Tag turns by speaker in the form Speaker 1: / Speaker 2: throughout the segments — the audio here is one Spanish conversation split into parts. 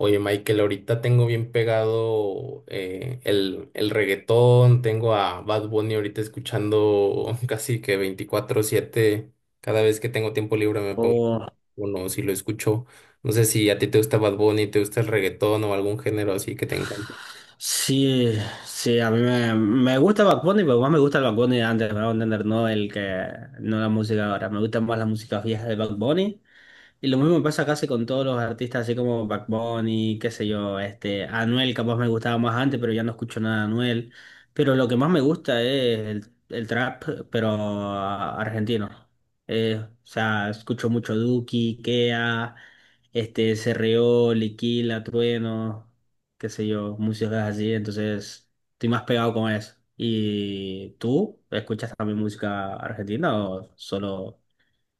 Speaker 1: Oye, Michael, ahorita tengo bien pegado el reggaetón, tengo a Bad Bunny ahorita escuchando casi que 24/7, cada vez que tengo tiempo libre me pongo
Speaker 2: Oh,
Speaker 1: uno, si lo escucho. No sé si a ti te gusta Bad Bunny, te gusta el reggaetón o algún género así que te encante.
Speaker 2: sí, sí, a mí me gusta Bad Bunny, pero más me gusta el Bad Bunny de antes, me voy a entender, no la música ahora, me gusta más la música vieja de Bad Bunny. Y lo mismo pasa casi con todos los artistas, así como Bad Bunny, qué sé yo, Anuel capaz me gustaba más antes, pero ya no escucho nada de Anuel. Pero lo que más me gusta es el trap, pero argentino. O sea, escucho mucho Duki, Kea, Serrió, Liquila, Trueno, qué sé yo, músicas así, entonces estoy más pegado con eso. ¿Y tú escuchas también música argentina o solo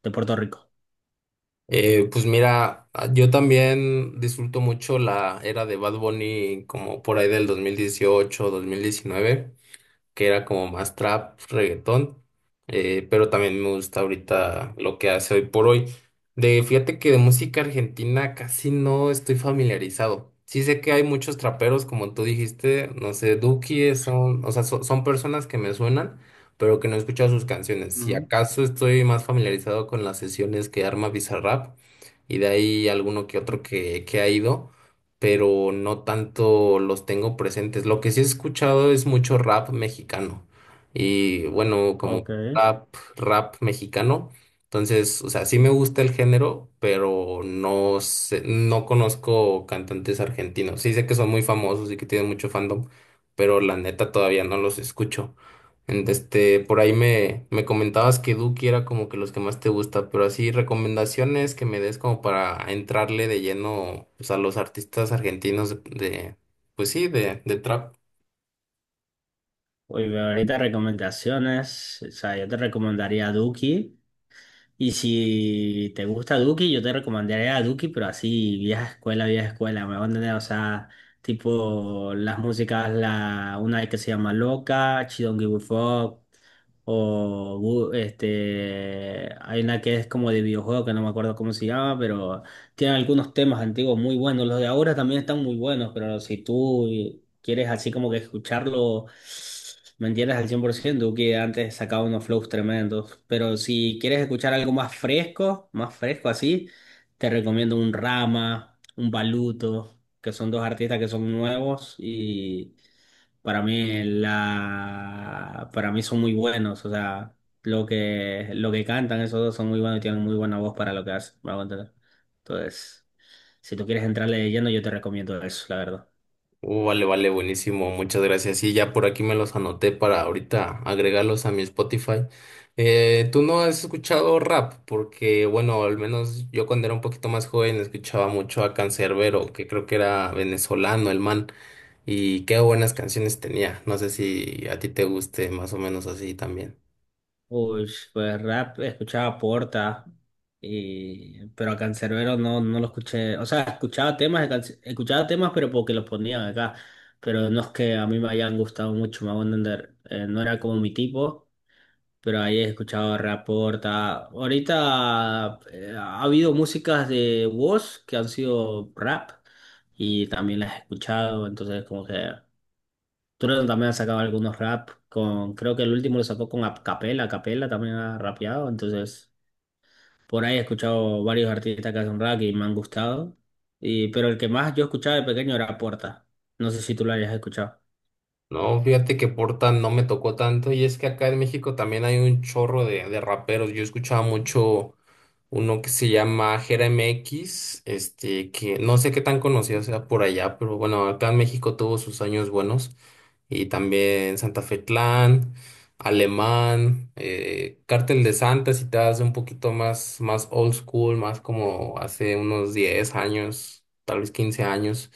Speaker 2: de Puerto Rico?
Speaker 1: Pues mira, yo también disfruto mucho la era de Bad Bunny como por ahí del 2018, 2019. Que era como más trap, reggaetón, pero también me gusta ahorita lo que hace hoy por hoy. Fíjate que de música argentina casi no estoy familiarizado. Sí sé que hay muchos traperos, como tú dijiste, no sé, Duki, son, o sea, son personas que me suenan, pero que no he escuchado sus canciones. Si
Speaker 2: Ujú.
Speaker 1: acaso estoy más familiarizado con las sesiones que arma Bizarrap, y de ahí alguno que otro que ha ido, pero no tanto los tengo presentes. Lo que sí he escuchado es mucho rap mexicano, y bueno, como
Speaker 2: Ok.
Speaker 1: rap mexicano. Entonces, o sea, sí me gusta el género, pero no sé, no conozco cantantes argentinos. Sí sé que son muy famosos y que tienen mucho fandom, pero la neta todavía no los escucho. Este, por ahí me comentabas que Duki era como que los que más te gusta, pero así recomendaciones que me des como para entrarle de lleno pues, a los artistas argentinos pues sí, de trap.
Speaker 2: Uy, ahorita recomendaciones. O sea, yo te recomendaría Duki. Y si te gusta Duki, yo te recomendaría a Duki, pero así, vieja escuela, me van a entender. O sea, tipo las músicas, una que se llama Loca, She Don't Give a Fuck. Hay una que es como de videojuego que no me acuerdo cómo se llama, pero tiene algunos temas antiguos muy buenos. Los de ahora también están muy buenos, pero si tú quieres así como que escucharlo, me entiendes al 100% que antes sacaba unos flows tremendos. Pero si quieres escuchar algo más fresco así, te recomiendo un Rama, un Baluto, que son dos artistas que son nuevos y para mí son muy buenos, o sea, lo que cantan esos dos son muy buenos y tienen muy buena voz para lo que hacen, me hago entender. Entonces, si tú quieres entrarle de lleno, yo te recomiendo eso, la verdad.
Speaker 1: Vale, vale, buenísimo, muchas gracias. Sí, ya por aquí me los anoté para ahorita agregarlos a mi Spotify. ¿Tú no has escuchado rap? Porque, bueno, al menos yo cuando era un poquito más joven escuchaba mucho a Canserbero, que creo que era venezolano el man. Y qué buenas canciones tenía. No sé si a ti te guste más o menos así también.
Speaker 2: Uy, pues rap escuchaba Porta, pero a Canserbero no, no lo escuché. O sea, escuchaba temas, escuchaba temas, pero porque los ponían acá. Pero no es que a mí me hayan gustado mucho, me hago entender. No era como mi tipo, pero ahí he escuchado rap Porta. Ahorita ha habido músicas de Woz que han sido rap y también las he escuchado, entonces como que. Trueno también ha sacado algunos rap con, creo que el último lo sacó con a Capela también ha rapeado, entonces por ahí he escuchado varios artistas que hacen rap y me han gustado. Pero el que más yo escuchaba de pequeño era Porta. No sé si tú lo hayas escuchado.
Speaker 1: No, fíjate que Porta no me tocó tanto, y es que acá en México también hay un chorro de raperos. Yo escuchaba mucho uno que se llama Jeremy X, que no sé qué tan conocido sea por allá, pero bueno, acá en México tuvo sus años buenos. Y también Santa Fe Clan, Alemán, Cártel de Santa, si te das un poquito más, más old school, más como hace unos 10 años, tal vez 15 años.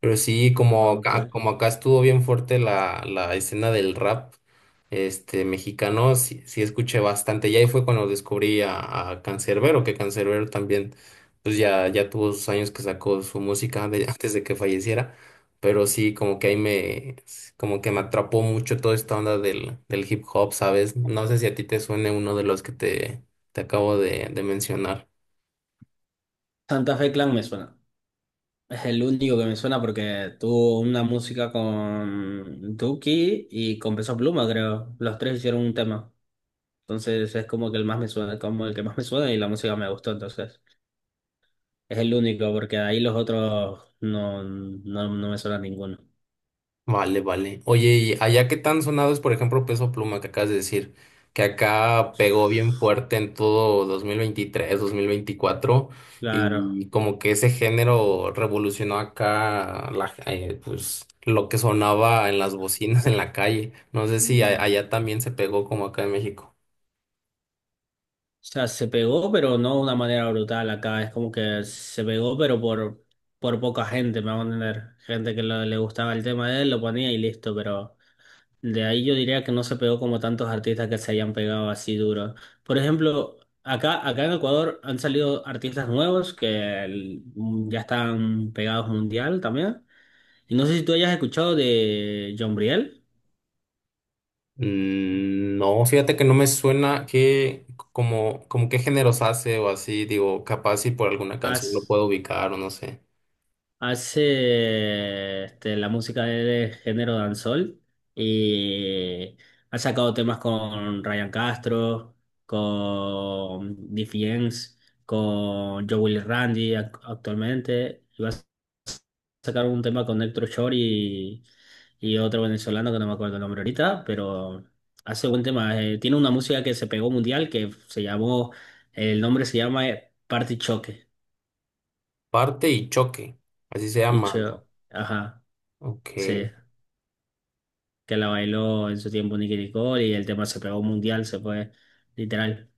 Speaker 1: Pero sí, como
Speaker 2: Ah, ok.
Speaker 1: acá, como acá estuvo bien fuerte la escena del rap mexicano, sí, sí escuché bastante. Y ahí fue cuando descubrí a Canserbero, que Canserbero también, pues ya, ya tuvo sus años que sacó su música antes de que falleciera. Pero sí, como que ahí como que me atrapó mucho toda esta onda del hip hop, ¿sabes? No sé si a ti te suene uno de los que te acabo de mencionar.
Speaker 2: Santa Fe Clan me suena. Es el único que me suena porque tuvo una música con Duki y con Peso Pluma, creo. Los tres hicieron un tema. Entonces es como el que más me suena y la música me gustó entonces. Es el único, porque de ahí los otros no me suena ninguno.
Speaker 1: Vale, vale. Oye, ¿y allá qué tan sonado es, por ejemplo, Peso Pluma, que acabas de decir? Que acá pegó bien fuerte en todo dos mil veintitrés, 2024,
Speaker 2: Claro.
Speaker 1: y como que ese género revolucionó acá pues, lo que sonaba en las bocinas en la calle. No sé
Speaker 2: Mm. O
Speaker 1: si
Speaker 2: Mm.
Speaker 1: allá también se pegó como acá en México.
Speaker 2: sea, se pegó, pero no de una manera brutal acá. Es como que se pegó, pero por poca gente, me van a entender. Gente que le gustaba el tema de él, lo ponía y listo. Pero de ahí yo diría que no se pegó como tantos artistas que se hayan pegado así duro. Por ejemplo, acá en Ecuador han salido artistas nuevos que ya están pegados mundial también. Y no sé si tú hayas escuchado de John Briel.
Speaker 1: No, fíjate que no me suena, que como qué géneros hace o así, digo, capaz si por alguna canción lo
Speaker 2: Haz-
Speaker 1: puedo ubicar o no sé.
Speaker 2: Hace la música de género dancehall y ha sacado temas con Ryan Castro, con Diffie Yanks, con Joe Willy Randy actualmente. Y va a sacar un tema con Héctor Shore y otro venezolano que no me acuerdo el nombre ahorita, pero hace buen tema. Tiene una música que se pegó mundial que se llamó, el nombre se llama Party Choque.
Speaker 1: Parte y choque, así se llama, ¿no?
Speaker 2: Ajá.
Speaker 1: Ok,
Speaker 2: Sí, que la bailó en su tiempo Nicky Nicole y el tema se pegó mundial, se fue literal,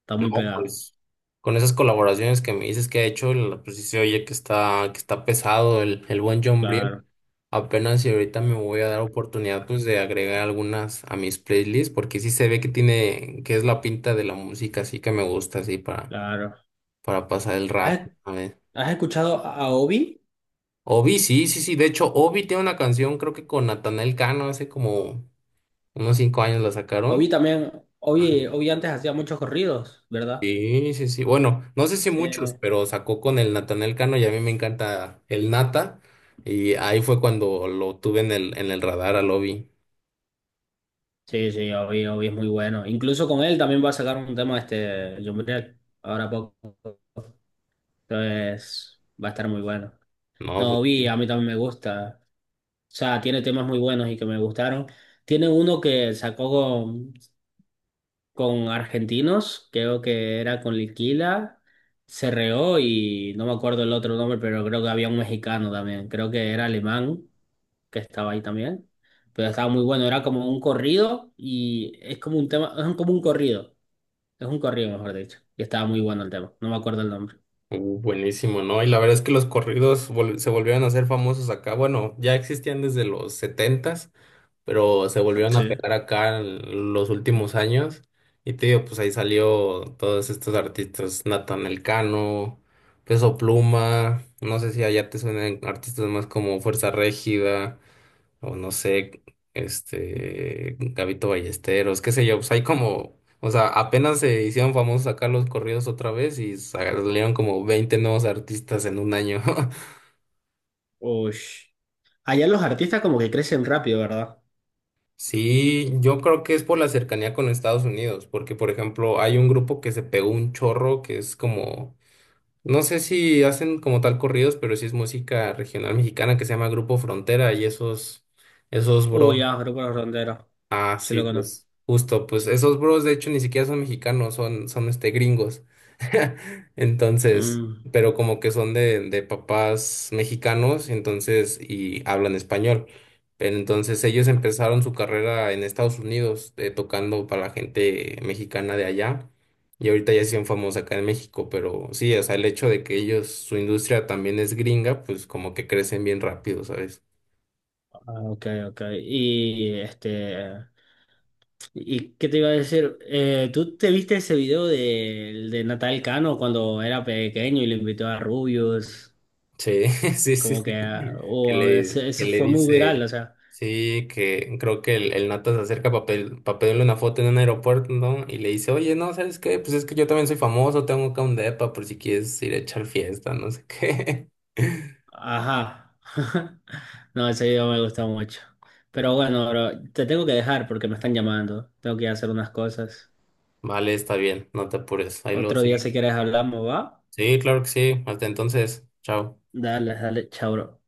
Speaker 2: está
Speaker 1: no,
Speaker 2: muy pegado.
Speaker 1: pues con esas colaboraciones que me dices que ha hecho, pues sí se oye que está pesado el buen John Briel.
Speaker 2: Claro,
Speaker 1: Apenas y ahorita me voy a dar oportunidad pues de agregar algunas a mis playlists, porque sí se ve que tiene, que es la pinta de la música, así que me gusta así para,
Speaker 2: claro.
Speaker 1: para pasar el rato.
Speaker 2: ¿Has,
Speaker 1: A ver.
Speaker 2: has escuchado a Obi?
Speaker 1: Obi, sí, sí, sí, de hecho Obi tiene una canción creo que con Natanael Cano, hace como unos 5 años la
Speaker 2: Obi
Speaker 1: sacaron.
Speaker 2: también, Obi antes hacía muchos corridos, ¿verdad?
Speaker 1: Sí, sí, sí. Bueno, no sé si
Speaker 2: Sí.
Speaker 1: muchos, pero sacó con el Natanael Cano, y a mí me encanta el Nata. Y ahí fue cuando lo tuve en el radar a Lobby.
Speaker 2: Sí, sí, Obi es muy bueno. Incluso con él también va a sacar un tema este John Briel, ahora poco. Entonces, va a estar muy bueno.
Speaker 1: No,
Speaker 2: No,
Speaker 1: pues sí.
Speaker 2: Obi, a mí también me gusta. O sea, tiene temas muy buenos y que me gustaron. Tiene uno que sacó con argentinos, creo que era con Liquila, Cerreó y no me acuerdo el otro nombre, pero creo que había un mexicano también, creo que era alemán que estaba ahí también, pero estaba muy bueno, era como un corrido y es como un tema, es un corrido mejor dicho, y estaba muy bueno el tema, no me acuerdo el nombre.
Speaker 1: Buenísimo, ¿no? Y la verdad es que los corridos se volvieron a hacer famosos acá. Bueno, ya existían desde los setentas, pero se volvieron a
Speaker 2: Sí.
Speaker 1: pegar acá en los últimos años. Y te digo, pues ahí salió todos estos artistas, Nathan Elcano, Peso Pluma, no sé si allá te suenan artistas más como Fuerza Régida, o no sé, Gabito Ballesteros, qué sé yo, pues hay como, o sea, apenas se hicieron famosos acá los corridos otra vez, y salieron como 20 nuevos artistas en un año.
Speaker 2: Uy. Allá los artistas como que crecen rápido, ¿verdad?
Speaker 1: Sí, yo creo que es por la cercanía con Estados Unidos, porque por ejemplo hay un grupo que se pegó un chorro que es como, no sé si hacen como tal corridos, pero sí es música regional mexicana, que se llama Grupo Frontera, y esos, bros.
Speaker 2: Uy, ya, grupo Los Ronderos,
Speaker 1: Ah,
Speaker 2: sí
Speaker 1: sí,
Speaker 2: lo conozco.
Speaker 1: pues justo, pues esos bros de hecho ni siquiera son mexicanos, son gringos. Entonces,
Speaker 2: Mm.
Speaker 1: pero como que son de papás mexicanos, entonces, y hablan español. Pero entonces ellos empezaron su carrera en Estados Unidos, tocando para la gente mexicana de allá. Y ahorita ya son famosos acá en México, pero sí, o sea, el hecho de que ellos, su industria también es gringa, pues como que crecen bien rápido, ¿sabes?
Speaker 2: Ah, ok, ok. ¿Y qué te iba a decir? ¿Tú te viste ese video de Natal Cano cuando era pequeño y le invitó a Rubius?
Speaker 1: Sí, sí, sí,
Speaker 2: Como que,
Speaker 1: sí.
Speaker 2: ah,
Speaker 1: Que
Speaker 2: oh, a ver,
Speaker 1: le, que
Speaker 2: ese
Speaker 1: le
Speaker 2: fue muy viral,
Speaker 1: dice,
Speaker 2: o sea,
Speaker 1: sí, que creo que el Nata se acerca para pedirle una foto en un aeropuerto, ¿no? Y le dice, oye, no, ¿sabes qué? Pues es que yo también soy famoso, tengo acá un depa por si quieres ir a echar fiesta, no sé qué.
Speaker 2: ajá. No, ese video me gustó mucho. Pero bueno, bro, te tengo que dejar porque me están llamando. Tengo que ir a hacer unas cosas.
Speaker 1: Vale, está bien, no te apures. Ahí luego
Speaker 2: Otro
Speaker 1: sí.
Speaker 2: día si quieres hablamos, ¿va?
Speaker 1: Sí, claro que sí. Hasta entonces, chao.
Speaker 2: Dale, dale, chao, bro.